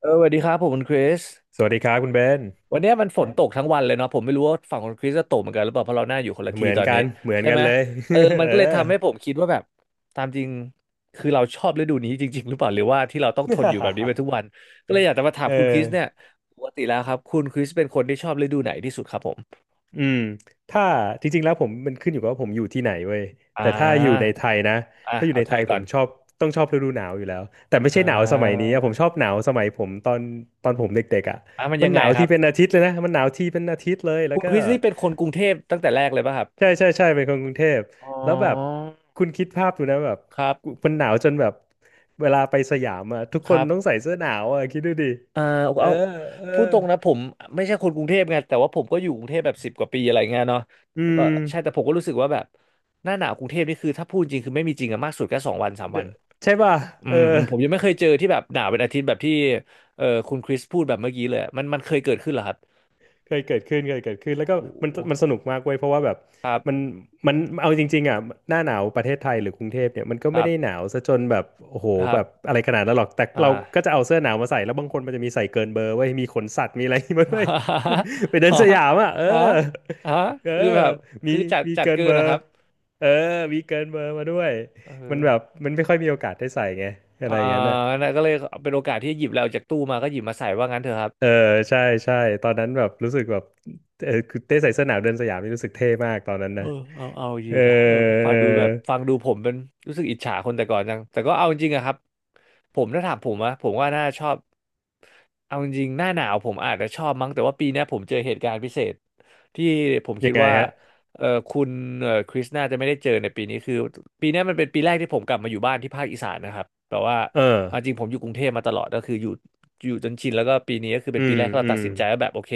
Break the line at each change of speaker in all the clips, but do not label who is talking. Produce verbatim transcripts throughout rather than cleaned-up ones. เออสวัสดีครับผมคุณคริส
สวัสดีครับคุณเบน
วันเนี้ยมันฝนบตกทั้งวันเลยเนาะผมไม่รู้ว่าฝั่งคุณคริสจะตกเหมือนกันหรือเปล่าเพราะเราหน้าอยู่คนละ
เห
ที่
มือน
ตอน
กั
นี้
นเหมือน
ใช่
กั
ไห
น
ม
เลย
เออมั น
เออ
ก็เลยทำให้ผมคิดว่าแบบตามจริงคือเราชอบฤดูนี้จริงๆหรือเปล่าหรือว่าที่เราต้องทนอยู่แบบนี้ไป ทุกวันก็เลยอยากจะมาถา
เอ
ม
อ
คุณคริสเนี่ยปกติแล้วครับคุณคริสเป็นคนที่ชอบฤดูไหนที่สุดครับผม
อืมถ้าจริงๆแล้วผมมันขึ้นอยู่กับว่าผมอยู่ที่ไหนเว้ย
อ่
แต่ถ้าอยู่ใน
า
ไทยนะ
อ่ะ
ถ้าอยู่
เอา
ใน
ไท
ไท
ย
ยผ
ก่อ
ม
น
ชอบต้องชอบฤดูหนาวอยู่แล้วแต่ไม่
อ่
ใช่หนาวสมัยนี้
า
อะผมชอบหนาวสมัยผมตอนตอนผมเด็กๆอ่ะ
อ่ะมัน
มั
ยั
น
ง
ห
ไง
นาว
ครั
ที่
บ
เป็นอาทิตย์เลยนะมันหนาวที่เป็นอาทิตย์เลยแล้
คุ
ว
ณ
ก็
คริสนี่เป็นคนกรุงเทพตั้งแต่แรกเลยป่ะครับ
ใช่ใช่ใช่เป็นคนกรุงเทพ
อ๋
แล้วแบบ
อ
คุณคิดภาพดูนะแบบ
ครับ
มันหนาวจนแบบเวลาไปสยามอ่ะทุก
ค
คน
รับ
ต้องใส่เสื้อหนาวอ่ะคิดดูดิ
อ่า
เออ
เอา
เออ
พูดตรงนะผมไม่ใช่คนกรุงเทพไงแต่ว่าผมก็อยู่กรุงเทพแบบสิบกว่าปีอะไรเงี้ยเนาะ
อื
แล้วก็
ม
ใช่แต่ผมก็รู้สึกว่าแบบหน้าหนาวกรุงเทพนี่คือถ้าพูดจริงคือไม่มีจริงอะมากสุดแค่สองวันสาม
เด
วัน
อะใช่ป่ะ
อื
เออ
มอืมผมยังไม่เคยเจอที่แบบหนาวเป็นอาทิตย์แบบที่เออคุณคริสพูดแบบเมื่อกี้เลยอะมันมันเคยเกิดขึ้นเหรอครับ
เคยเกิดขึ้นเคยเกิดขึ้นแล้ว
โอ้
ก็
โห
มันมันสนุกมากเว้ยเพราะว่าแบบ
ครั
มัน
บ
มันเอาจริงๆอ่ะหน้าหนาวประเทศไทยหรือกรุงเทพเนี่ยมันก็
ค
ไม่
รั
ได้หนา
บ
วซะจนแบบโอ้โห
ครั
แบ
บ
บอะไรขนาดนั้นหรอกแต่
อ่า
เราก็จะเอาเสื้อหนาวมาใส่แล้วบางคนมันจะมีใส่เกินเบอร์เว้ยมีขนสัตว์มีอะไรมา ด้วย ไปไปเดิน
ฮะ
สยามอ่ะเออ
ฮะฮะ
เออ
คือแบบ
มี
คือจัด
มี
จัด
เกิน
เกิ
เบ
น
อ
นะค
ร์
รับ
เออมีเกินเบอร์มาด้วย
เอ
มัน
อ
แบบมันไม่ค่อยมีโอกาสได้ใส่ไงอะไร
อ่า
อย่างนั้นอ่ะ
นั่นก็เลยเป็นโอกาสที่หยิบแล้วจากตู้มาก็หยิบมาใส่ว่างั้นเถอะครับ
เออ ใช่ใช่ตอนนั้นแบบรู้สึกแบบเออคือเต้ใส่เสื้อหนาวเดินสยามนี่รู้สึกเท่มากตอนนั้น
เอ
นะ
อเอาเอาจ
เอ
ริ
อ
งนะเออฟังดูแบบฟังดูผมเป็นรู้สึกอิจฉาคนแต่ก่อนจังแต่ก็เอาจริงอะครับผมถ้าถามผมอะผมว่าน่าชอบเอาจริงหน้าหนาวผมอาจจะชอบมั้งแต่ว่าปีเนี้ยผมเจอเหตุการณ์พิเศษที่ผมคิ
ยั
ด
งไง
ว่า
ฮะ
เออคุณเออคริสน่าจะไม่ได้เจอในปีนี้คือปีเนี้ยมันเป็นปีแรกที่ผมกลับมาอยู่บ้านที่ภาคอีสานนะครับแต่ว่า
เออ
เอาจริงผมอยู่กรุงเทพมาตลอดก็คืออยู่อยู่จนชินแล้วก็ปีนี้ก็คือเป็
อื
นปี
ม
แรกที่
อื
เราตัด
ม
สินใจว่าแบบโอเค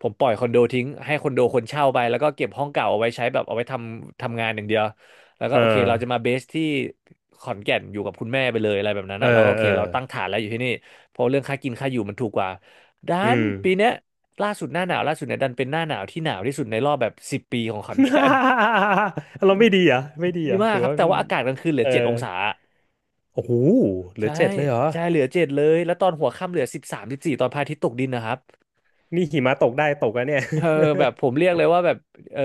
ผมปล่อยคอนโดทิ้งให้คอนโดคนเช่าไปแล้วก็เก็บห้องเก่าเอาไว้ใช้แบบเอาไว้ทำทำงานอย่างเดียวแล้วก็
เออ
โอเคเราจะมาเบสที่ขอนแก่นอยู่กับคุณแม่ไปเลยอะไรแบบนั้น
เอ
นะแล้วก็
อ
โอเค
เออ
เราตั้งฐานแล้วอยู่ที่นี่เพราะเรื่องค่ากินค่าอยู่มันถูกกว่าดั
อื
น
ม
ปีเนี้ยล่าสุดหน้าหนาวล่าสุดเนี่ยดันเป็นหน้าหนาวที่หนาวที่สุดในรอบแบบสิบปีของขอนแก่น
เราไม่ดีเหรอ่ะไม่ดี
ดี
เหรอ่ะ
มา
ห
ก
รือ
ครับ
ว่า
แต่
มัน
ว่าอากาศกลางคืนเหลื
เอ
อ
อ
เจ็ดองศา
โอ้โหเหลือ
ใช่
เจ็ดเลยเหรอ
ใช่เหลือเจ็ดเลยแล้วตอนหัวค่ำเหลือสิบสามสิบสี่ตอนพระอาทิตย์ตกดินนะครับ
นี่หิมะตกได้ตกอะเนี่ย
เออแบบผมเรียกเลยว่าแบบเออ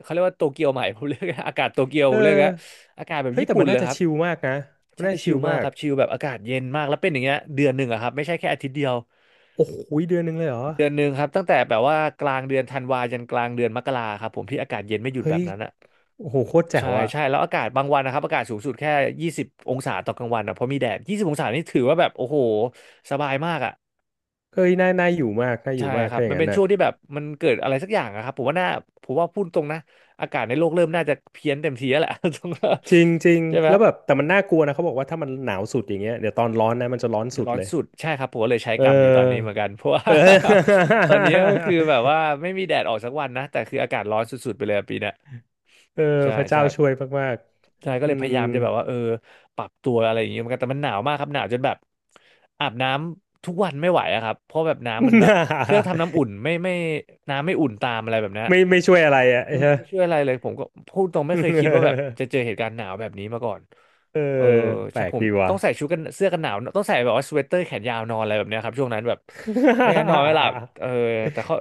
เขาเรียกว่าโตเกียวใหม่ ผมเรียกอากาศโตเกียว ผ
เออ
มเรียกอะอากาศแบบ
เฮ้ย
ญี่
แต่
ปุ่
มั
น
น
เล
น่า
ย
จะ
ครับ
ชิลมากนะมัน
ใช่
น่าจะ
ชิ
ชิ
ล
ล
มาก
มา
ค
ก
รับชิลแบบอากาศเย็นมากแล้วเป็นอย่างเงี้ยเดือนหนึ่งอะครับไม่ใช่แค่อาทิตย์เดียว
โอ้โหเดือนหนึ่งเลยเหรอ
เดือนหนึ่งครับตั้งแต่แบบว่ากลางเดือนธันวายันกลางเดือนมกราครับผมที่อากาศเย็นไม่หยุดแบ
เฮ้
บ
ย
นั้นอะ
โอ้โหโคตรแจ๋
ใช่
วอะ
ใช่แล้วอากาศบางวันนะครับอากาศสูงสุดแค่ยี่สิบองศาต่อกลางวันนะเพราะมีแดดยี่สิบองศานี่ถือว่าแบบโอ้โหสบายมากอะ
เฮ้ยน่าน่าอยู่มากน่าอ
ใช่
ยู่มาก
ครั
ถ้า
บ
อย่า
มั
ง
น
นั้
เป็
น
น
น่ะ
ช่วงที่แบบมันเกิดอะไรสักอย่างอะครับผมว่าน่าผมว่าพูดตรงนะอากาศในโลกเริ่มน่าจะเพี้ยนเต็มทีแล้วแหละ ตรงนั้น
จริงจริง
ใช่ไหม
แล้วแบบแต่มันน่ากลัวนะเขาบอกว่าถ้ามันหนาวสุดอย่างเงี้ยเดี๋ยวตอนร้อนนะมันจะร้อน
จะ
สุด
ร้อน
เลย
สุดใช่ครับผมก็เลยใช้
เ
กรรมอยู่ตอนนี้เห
ออ
มือนกันเพราะว่า
เออ
ตอนนี้ก็คือแบบว่าไม่มีแดดออกสักวันนะแต่คืออากาศร้อนสุดๆไปเลยอะปีเนี้ย
เออ
ใช่
พระเจ้า
ใช่
ช่วยมาก
ใช่ก็
ๆอื
เลยพยา
ม
ยามจะแบบว่าเออปรับตัวอะไรอย่างเงี้ยเหมือนกันแต่มันหนาวมากครับหนาวจนแบบอาบน้ำทุกวันไม่ไหวอะครับเพราะแบบน้ำมันแบบเครื่องทำน้ำอุ่ นไม่ไม่น้ำไม่อุ่นตามอะไรแบบเนี้ย
ไม่ไม่ช่วยอะไรอ่ะเอ
อืมไม่ช่วยอะไรเลยผมก็พูดตรงไม่เคยคิดว่าแบบ จะเจอเหตุการณ์หนาวแบบนี้มาก่อน
เออ
เออ
แป
ใช่
ลก
ผม
ดีว่ะ
ต้องใส่ชุดกันเสื้อกันหนาวต้องใส่แบบว่าสเวตเตอร์แขนยาวนอนอะไรแบบเนี้ยครับช่วงนั้นแบบไม่งั้นนอนไม่หลับเออแต่เขา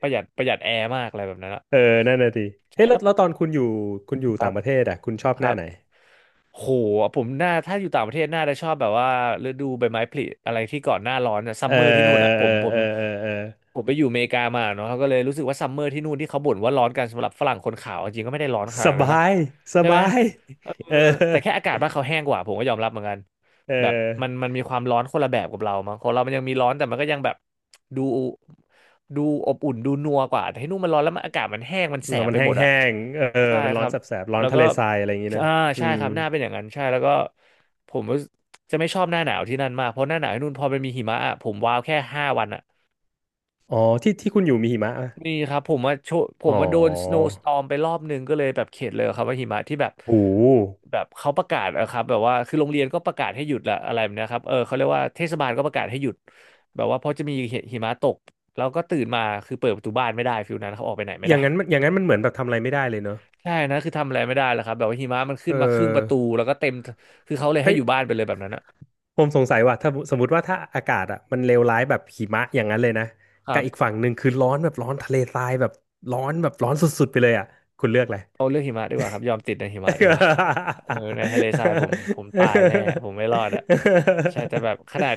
ประหยัดประหยัดแอร์มากอะไรแบบนั้นอะ
เออนั่นน่ะดิ
ใช่
เฮ้ยแล้
แล้
ว
ว
แล้วตอนคุณอยู่คุณอยู่
ครั
ต่า
บ
งประเทศอ่ะคุณชอบ
ค
ห
รั
น้า
บ
ไหน
โหผมน่าถ้าอยู่ต่างประเทศน่าจะชอบแบบว่าฤดูใบไม้ผลิอะไรที่ก่อนหน้าร้อนอะซั
เอ
ม
อ
เมอร์ที่นู่นอะผ
เอ
ม
อ
ผม
เออเออเออ
ผมไปอยู่อเมริกามาเนาะเขาก็เลยรู้สึกว่าซัมเมอร์ที่นู่นที่เขาบ่นว่าร้อนกันสำหรับฝรั่งคนขาวจริงก็ไม่ได้ร้อนข
ส
นาดนั้
บา
นนะ
ยส
ใช่ไหม
บาย
เออ
เออ
แต่แค่อากาศบ้านเขาแห้งกว่าผมก็ยอมรับเหมือนกัน
เออ
แบบมันมันมีความร้อนคนละแบบกับเรามั้งของเรามันยังมีร้อนแต่มันก็ยังแบบดูดูอบอุ่นดูนัวกว่าแต่ที่นู่นมันร้อนแล้วมันอากาศมันแห้งมันแส
แล้ว
บ
มัน
ไป
แห
หมดอะ
้งๆเออ
ใช่
มัน
ค
ร้อ
รั
น
บ
แสบๆร้อน
แล้ว
ทะ
ก็
เลทรายอะไรอย่างงี้นะ
อ่า
อื
ใช่
ม
ครับหน้าเป็นอย่างนั้นใช่แล้วก็ผมรู้สึกจะไม่ชอบหน้าหนาวที่นั่นมากเพราะหน้าหนาวที่นู่นพอมันมีหิมะอะผมว้าวแค่ห้าวันอะ
อ๋อที่ที่คุณอยู่มีหิมะอะ
มีครับผมว่าโชผ
อ๋
ม
อ
ว่าโดน snowstorm ไปรอบหนึ่งก็เลยแบบเข็ดเลยครับว่าหิมะที่แบบ
โหู
แบบเขาประกาศอะครับแบบว่าคือโรงเรียนก็ประกาศให้หยุดละอะไรแบบเนะครับเออเขาเรียกว่าเทศบาลก็ประกาศให้หยุดแบบว่าเพราะจะมีหิมะตกแล้วก็ตื่นมาคือเปิดประตูบ้านไม่ได้ฟิลนั้นเขาออกไปไหนไม่
อย่า
ได้
งนั้นมันอย่างนั้นมันเหมือนแบบทำอะไรไม่ได้เลยเนอะ
ใช่นะคือทำอะไรไม่ได้แล้วครับแบบว่าหิมะมัน
เอ
ขึ้นมาครึ่งประตู
อ
แล้วก็เต็มคือเขาเลยให้
เฮ้ย
อยู่บ้านไปเลยแบบนั้นอะ
ผมสงสัยว่าถ้าสมมติว่าถ้าอากาศอ่ะมันเลวร้ายแบบหิมะอย่างนั้นเลยนะ
ครั
กับอีก
บ
ฝั่งหนึ่งคือร้อนแบบร้อนทะเลทรายแบบร้อนแบบร้อนสุดๆไปเลยอ่ะคุณเลือกอะไร
เอาเรื่องหิมะดีกว่าครับยอมติดในหิมะดีกว่า เออในทะเลทรายผมผมตายแน่ผมไม่รอดอ่ะใช่แต่แบบข นาด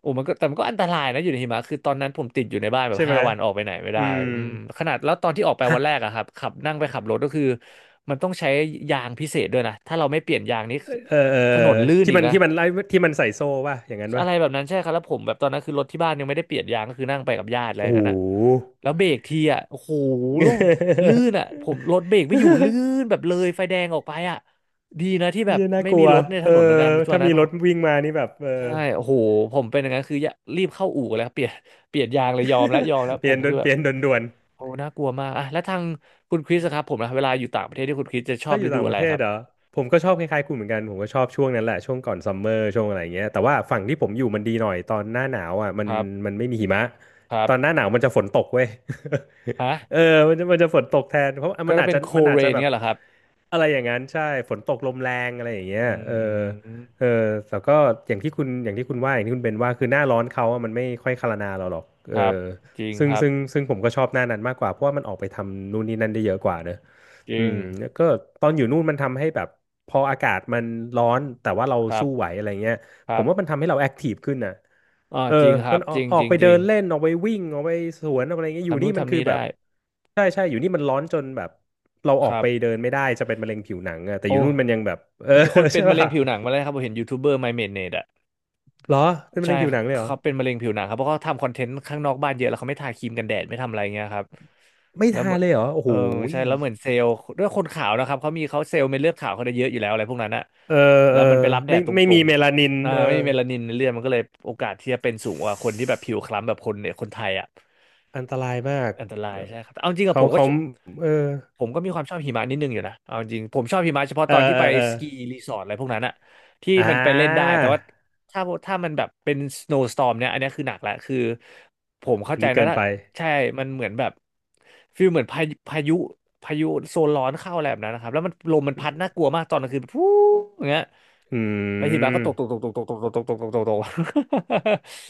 โอ้มันก็แต่มันก็อันตรายนะอยู่ในหิมะคือตอนนั้นผมติดอยู่ในบ้านแบบ
ใช่ไหม
ห้าวันออกไปไหนไม่
อื
ได้
ม
อืมขนาดแล้วตอนที่ออกไป
ฮะ
วันแรกอะครับขับนั่งไปขับรถก็คือมันต้องใช้ยางพิเศษด้วยนะถ้าเราไม่เปลี่ยนยางนี่
เออเออเออ
ถนนลื่น
ที่
อีก
มัน
นะ
ที่มันไล่ที่มันใส่โซ่ป่ะอย่างนั้น
อะ
ป่ะ
ไรแบบนั้นใช่ครับแล้วผมแบบตอนนั้นคือรถที่บ้านยังไม่ได้เปลี่ยนยางก็คือนั่งไปกับญาติอะไรอ
โอ้
ย่า
โห
งนั้นนะแล้วเบรกทีอ่ะโอ้โหลื่นอ่ะผมรถเบรกไม่อยู่ลื่น แบบเลยไฟแดงออกไปอ่ะดีนะที่แบ
เฮี
บ
ยน่า
ไม่
กลั
มี
ว
รถในถ
เออ
นนเหมือนกันช่วง
ถ้า
นั้
มี
น
รถวิ่งมานี่แบบเอ
ใช่
อ
โอ้โหผมเป็นอย่างนั้นคือยะรีบเข้าอู่แล้วเปลี่ยนเปลี่ยนยางเลยยอมแล้วยอมแล้ว
เป
ผ
ลี่ย
ม
นด่
คื
ว
อ
น
แบ
เป
บ
ลี่ยนด่วน
โอ้น่ากลัวมากอ่ะแล้วทางคุณคริสอะครับผมนะเวลาอยู่ต่างประเทศที่คุณคริสจะชอ
ถ้า
บ
อ
ฤ
ยู่
ดู
ต่างป
อะไร
ระเท
ค
ศ
รับ
เหรอผมก็ชอบคล้ายๆคุณเหมือนกันผมก็ชอบช่วงนั้นแหละช่วงก่อนซัมเมอร์ช่วงอะไรอย่างเงี้ยแต่ว่าฝั่งที่ผมอยู่มันดีหน่อยตอนหน้าหนาวอ่ะมั
ค
น
รั
มั
บ
นไม่มีหิมะ
ครั
ต
บ
อนหน้าหนาวมันจะฝนตกเว้ย
ฮะ
เออมันจะมันจะฝนตกแทนเพราะ
ก็
มัน
จะ
อาจ
เป็น
จะ
โค
มันอา
เร
จจะ
น
แบบ
เนี่ยเหรอครับ
อะไรอย่างนั้นใช่ฝนตกลมแรงอะไรอย่างเงี้ย
อื
เออเออ
ม
แต่ก็อย่างที่คุณอย่างที่คุณว่าอย่างที่คุณเป็นว่าคือหน้าร้อนเขาอะมันไม่ค่อยคารนาเราหรอกเอ
ค
อ
รับจริง
ซึ่ง
ครับ
ซึ่งซึ่งผมก็ชอบหน้านั้นมากกว่าเพราะว่ามันออกไปทำนู่นนี่นั่นได้เยอะกว่าเนอะ
จ
อื
ริง
มแล้วก็ตอนอยู่นู่นมันทำให้แบบพออากาศมันร้อนแต่ว่าเรา
ครั
สู้ไหว
บ
อะไรเงี้ย
ค
ผ
รั
ม
บ
ว่ามันทำให้เราแอคทีฟขึ้นนะ
อ๋อ
เออ
จริงครั
มัน
บ
อ
จ
อก
ริง
ออ
จ
ก
ริง
ไป
จ
เดิ
ริง
นเล่น ออกไปวิ่งออกไปสวนออกอะไรเงี้ยอยู่
ทำนู่
นี่
น
มัน
ทำ
คือ
นี่
แบบ
ได้
ใช่ใช่อยู่นี่มันร้อนจนแบบเราอ
ค
อก
รับ
ไปเดินไม่ได้จะเป็นมะเร็งผิวหนังอะแต่อ
โอ้
ยู่นู่นมันยังแบบเออ
มีคน เป็
ใช่
นมะ
ป่ะ
เร็งผิวหนังมาแล้วครับผมเห็นยูทูบเบอร์ไมเมนเนตอ่ะ
เหรอเป็นมะ
ใช่
เร็งผิวหนังเลยเหรอ
เขาเป็นมะเร็งผิวหนังครับเพราะเขาทำคอนเทนต์ข้างนอกบ้านเยอะแล้วเขาไม่ทาครีมกันแดดไม่ทำอะไรเงี้ยครับ
ไม่
แล้วเห
ทา
มื
น
อน
เลยเหรอโอ้
เอ
โห
อ
ย
ใช่แล้วเหมือนเซลล์ด้วยคนขาวนะครับเขามีเขาเซลล์เม็ดเลือดขาวเขาได้เยอะอยู่แล้วอะไรพวกนั้นอะ
เออ
แล้
เอ
วมัน
อ
ไปรับแด
ไม่
ดต
ไม่
ร
มี
ง
เมลานิน
ๆอ่า
เอ
ไม่
อ
มีเมลานินในเลือดมันก็เลยโอกาสที่จะเป็นสูงกว่าคนที่แบบผิวคล้ำแบบคนเนี่ยคนไทยอะ
อันตรายมาก
อันตรา
เอ
ย
อ
ใช่ครับแต่เอาจริงกับ
เขา
ผมก็
เขาเออ
ผมก็มีความชอบหิมะนิดนึงอยู่นะเอาจริงผมชอบหิมะเฉพาะ
เอ
ต
อ
อนที่
เอ
ไป
อเออ
สกีรีสอร์ทอะไรพวกนั้นอะที่
อ่
มันไปเล่นได้
า
แต่ว่าถ้าถ้ามันแบบเป็นสโนว์สตอร์มเนี่ยอันเนี้ยคือหนักแล้วคือผมเข้า
อัน
ใจ
นี้
นะ
เกิน
ถ้า
ไป
ใช่มันเหมือนแบบฟีลเหมือนพายุพายุพายุโซนร้อนเข้าอะไรแบบนั้นนะครับแล้วมันลมมันพัดน่ากลัวมากตอนกลางคืนฟูอย่างเงี้ย
อื
แล้วทีบาก็ตกตกต
ม
กตกตกตกตกตกตกตกตกตก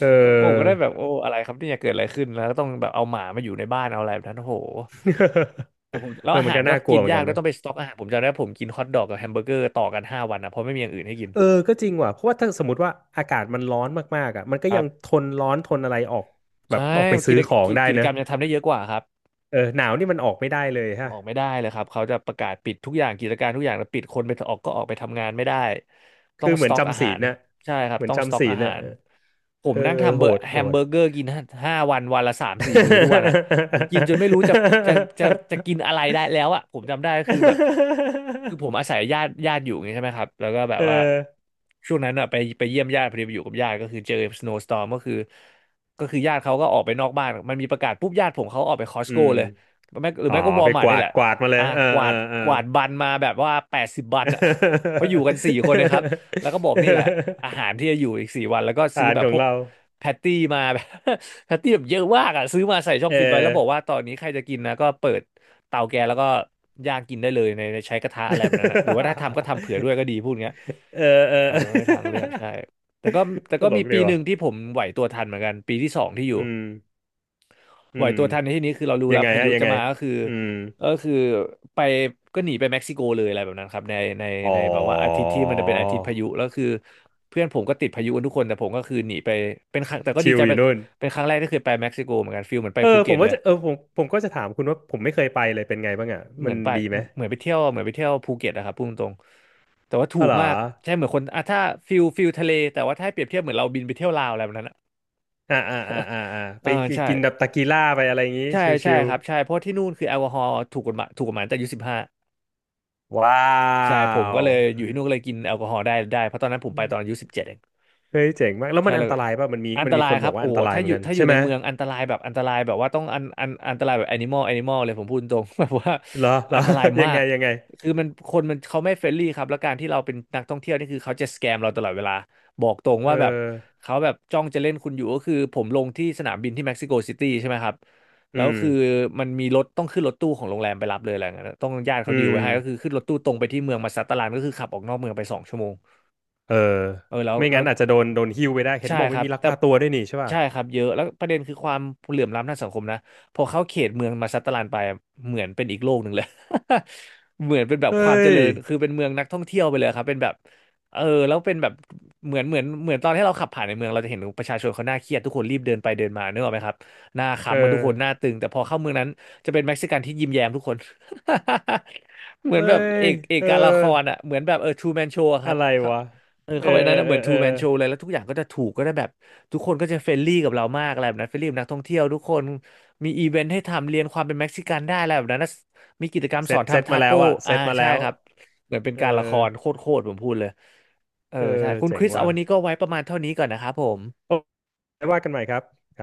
เอ
ผมก็ได้
อ
แบบโอ้อะไรครับเนี่ยเกิดอะไรขึ้นแล้วก็ต้องแบบเอาหมามาอยู่ในบ้านเอาอะไรแบบนั้นโอ้โห แต่ผมแล้
เอ
ว
อ
อา
มัน
หาร
ก็
ก็
น่ากลั
กิ
ว
น
เหมือน
ยาก
กัน
ด้วย
นะ
ต้องไปสต็อกอาหารผมจำได้ผมกินฮอทดอกกับแฮมเบอร์เกอร์ต่อกันห้าวันนะเพราะไม่มีอย่างอื่นให้กิน
เออก็จริงว่ะเพราะว่าถ้าสมมติว่าอากาศมันร้อนมากๆอ่ะมันก็
ครั
ยัง
บ
ทนร้อนทนอะไรออกแบ
ใช่
บออกไป
กิ
ซื้อ
จ
ของ
กิจ
ได้
กิจ
เน
ก
อะ
รรมยังทำได้เยอะกว่าครับ
เออหนาวนี่มันออกไม่ได้เลย
อ
ฮะ
อกไม่ได้เลยครับเขาจะประกาศปิดทุกอย่างกิจการทุกอย่างแล้วปิดคนไปออกก็ออกไปทำงานไม่ได้ต้อ
คือ
ง
เห
ส
มือน
ต็อกอา
จำศี
หา
ล
ร
น่ะ
ใช่ครับ
เหมือน
ต้องสต็
จำ
อก
ศี
อา
ล
หา
น่ะ
รผ
เอ
ม
อ
นั่งทำเบ
โห
อร์
ด
แฮ
โห
มเบ
ด
อร์เกอ ร์กินห้าวันวันละสามสี่มื้อทุกวันอ่ะผมกินจนไม่รู้จะจะจะจะกินอะไรได้แล้วอ่ะผมจำได้ก็คือแบบคือผมอาศัยญาติญาติอยู่ไงใช่ไหมครับแล้วก็แบบ
เอ
ว่า
อ
ช่วงนั้นอ่ะไปไปเยี่ยมญาติพอดีไปอยู่กับญาติก็คือเจอสโนว์สตอร์มก็คือก็คือญาติเขาก็ออกไปนอกบ้านมันมีประกาศปุ๊บญาติผมเขาออกไปคอส
อื
โก้
ม
เลย แม่หรือ
อ๋อ
แม่ก็วอ
ไป
ลมา
ก
ร์ทนี่
วาด
แหละ
กวาดมาเล
อ่า
ยเออ
ก
เอ
วา
อ
ด
เออ
กวาดบันมาแบบว่าแปดสิบบันอะ เพราะอยู่กันสี่คนนะครับแล้วก็บอกนี่แหละอาหาร ที่จะอยู่อีกสี่วันแล้วก็ซื้อ
ฐาน
แบ
ข
บ
อ
พ
ง
วก
เรา
แพตตี้มา แบบ แพตตี้แบบเยอะมากอ่ะซื้อมาใส่ช่อง
เอ
ฟิตไว้แล้
อ
วบอกว่าตอนนี้ใครจะกินนะก็เปิดเตาแก๊สแล้วก็ย่างกินได้เลยในในใช้กระทะอะไรแบบนั้นนะหรือว่าถ้าทำก็ทำเผื่อด้ วยก็ดีพูดเงี้ย
เออเอ
เออไม่ทาง
อ
เลือกใช่แต่ก็ แต่
ต
ก็
ล
มี
กดี
ปีห
ว่ะ
นึ่งที่ผมไหวตัวทันเหมือนกันปีที่สองที่อ
อื
ยู่
มอื
ไหว
ม
ตัวทันในที่นี้คือเรารู้
ยั
แล้
ง
ว
ไง
พา
ฮะ
ยุ
ยัง
จะ
ไง
มาก็คือ
อืม
ก็คือไปก็หนีไปเม็กซิโกเลยอะไรแบบนั้นครับในใน
อ๋อ
ในแบบว่าอาทิตย์ที่มันจะเป็นอาทิตย์พายุแล้วคือเพื่อนผมก็ติดพายุกันทุกคนแต่ผมก็คือหนีไปเป็นครั้งแต่ก็ดี
ชิล
ใจ
อ
ไป
ยู่นู่น
เป็นครั้งแรกที่เคยไปเม็กซิโกเหมือนกันฟิลเหมือนไป
เออ
ภู
ผ
เก็
ม
ตเล
ว่า
ย
จะเออผมผมก็จะถามคุณว่าผมไม่เคยไปเลยเป็นไงบ้างอ่ะ
เห
มั
มื
น
อนไป
ดีไหม
เหมือนไปเที่ยวเหมือนไปเที่ยวภูเก็ตนะครับพูดตรงๆแต่ว่าถู
อ๋อ
ก
เหรอ
มากใช่เหมือนคนอ่ะถ้าฟิลฟิลทะเลแต่ว่าถ้าให้เปรียบเทียบเหมือนเราบินไปเที่ยวลาวอะไรแบบนั้นอ่ะ
อ่าอ่าอ่าอ่าอ่าไป
อ่าใช่
กินแบบตากีล่าไปอะไรอย่างงี้
ใช่ใช่
ชิล
ครับใช่เพราะที่นู่นคือแอลกอฮอล์ถูกกฎหมายถูกกฎหมายตั้งแต่อายุสิบห้า
ๆว้า
ใช่ผมก็เลยอยู่
ว
ที่นู่นก็เลยกินแอลกอฮอล์ได้ได้เพราะตอนนั้นผมไปตอนอายุสิบเจ็ดเอง
เฮ้ยเจ๋งมากแล้ว
ใช่
มันอั
แล้
น
ว
ตรายป่ะมันมี
อัน
มั
ต
นมี
รา
ค
ย
น
ค
บ
รั
อก
บ
ว่า
โอ้
อัน
โห
ตราย
ถ้า
เหมื
อ
อน
ยู่
กัน
ถ้าอ
ใช่
ยู่
ไห
ใน
ม
เมืองอันตรายแบบอันตรายแบบว่าต้องอันอันอันตรายแบบแอนิมอลแอนิมอลเลยผมพูดตรง แบบว่า
เหรอเหรอ
อันตราย
ยั
มา
งไง
ก
ยังไง
คือมันคนมันเขาไม่เฟรนลี่ครับแล้วการที่เราเป็นนักท่องเที่ยวนี่คือเขาจะสแกมเราตลอดเวลาบอกตรง
เ
ว่าแบบ
ออ
เขาแบบจ้องจะเล่นคุณอยู่ก็คือผมลงที่สนามบินที่เม็กซิโกซิตี้ใช่ไหมครับ
อื
แล้ว
ม
คือมันมีรถต้องขึ้นรถตู้ของโรงแรมไปรับเลยอะไรอย่างเงี้ยต้องญาติ
อื
เขาดีล
ม
ไว้ให้ก็คือขึ้นรถตู้ตรงไปที่เมืองมาซัตตาลันก็คือขับออกนอกเมืองไปสองชั่วโมง
เออ
เออแล้ว
ไม่
แล้
งั้
ว
นอาจจะโดนโดนหิ้วไปได้ เห็น
ใช่
บอก
ค
ไม่
รับ
มีลัก
แต่
พาตัวด้วยนี่ใช่ป่ะ
ใช่ครับเยอะแล้วประเด็นคือความเหลื่อมล้ำทางสังคมนะพอเข้าเขตเมืองมาซัตตาร์ลันไปเหมือนเป็นอีกโลกหนึ่งเลย เหมือนเป็นแบบ
เฮ้
ความเจ
ย
ริญคือเป็นเมืองนักท่องเที่ยวไปเลยครับเป็นแบบเออแล้วเป็นแบบเหมือนเหมือนเหมือนตอนที่เราขับผ่านในเมืองเราจะเห็นประชาชนเขาหน้าเครียดทุกคนรีบเดินไปเดินมานึกออกไหมครับหน้า
เอ
ขำเหมือนทุกคนหน้า
อ
ตึงแต่พอเข้าเมืองนั้นจะเป็นเม็กซิกันที่ยิ้มแย้มทุกคน เหมือน
เอ้
แบบเอ
ย
กเอก
เอ
การละคร
อ
อ่ะเหมือนแบบเออทูแมนโชค
อะ
รับ
ไรวะ
เออ
เออ
เข้าไป
เอ
นั้
อ
นนะ
เอ
เหมื
อ
อนทู
เออ
แมนโชว์เลยแล้วทุกอย่างก็จะถูกก็ได้แบบทุกคนก็จะเฟรนลี่กับเรามากอะไรแบบนั้นเฟรนลี่กับนักท่องเที่ยวทุกคนมีอีเวนต์ให้ทำเรียนความเป็นเม็กซิกันได้อะไรแบบนั้นนะมีกิจกรรม
เซ
สอ
ต
น
เซต
ทำทา
มาแล้
โก้
วอะเซ
อ่า
ตมาแล้
ใช่
ว
ครับเหมือนเป็น
เออ
การละครโคตรๆผมพูดเลยเออ
เออ
ใช่คุณ
เจ๋
ค
ง
ริสเอา
ว่ะ
วันนี้ก็ไว้ประมาณเท่านี้ก่อนนะครับผม
โอ้ไว้ว่ากันใหม่ครับครับ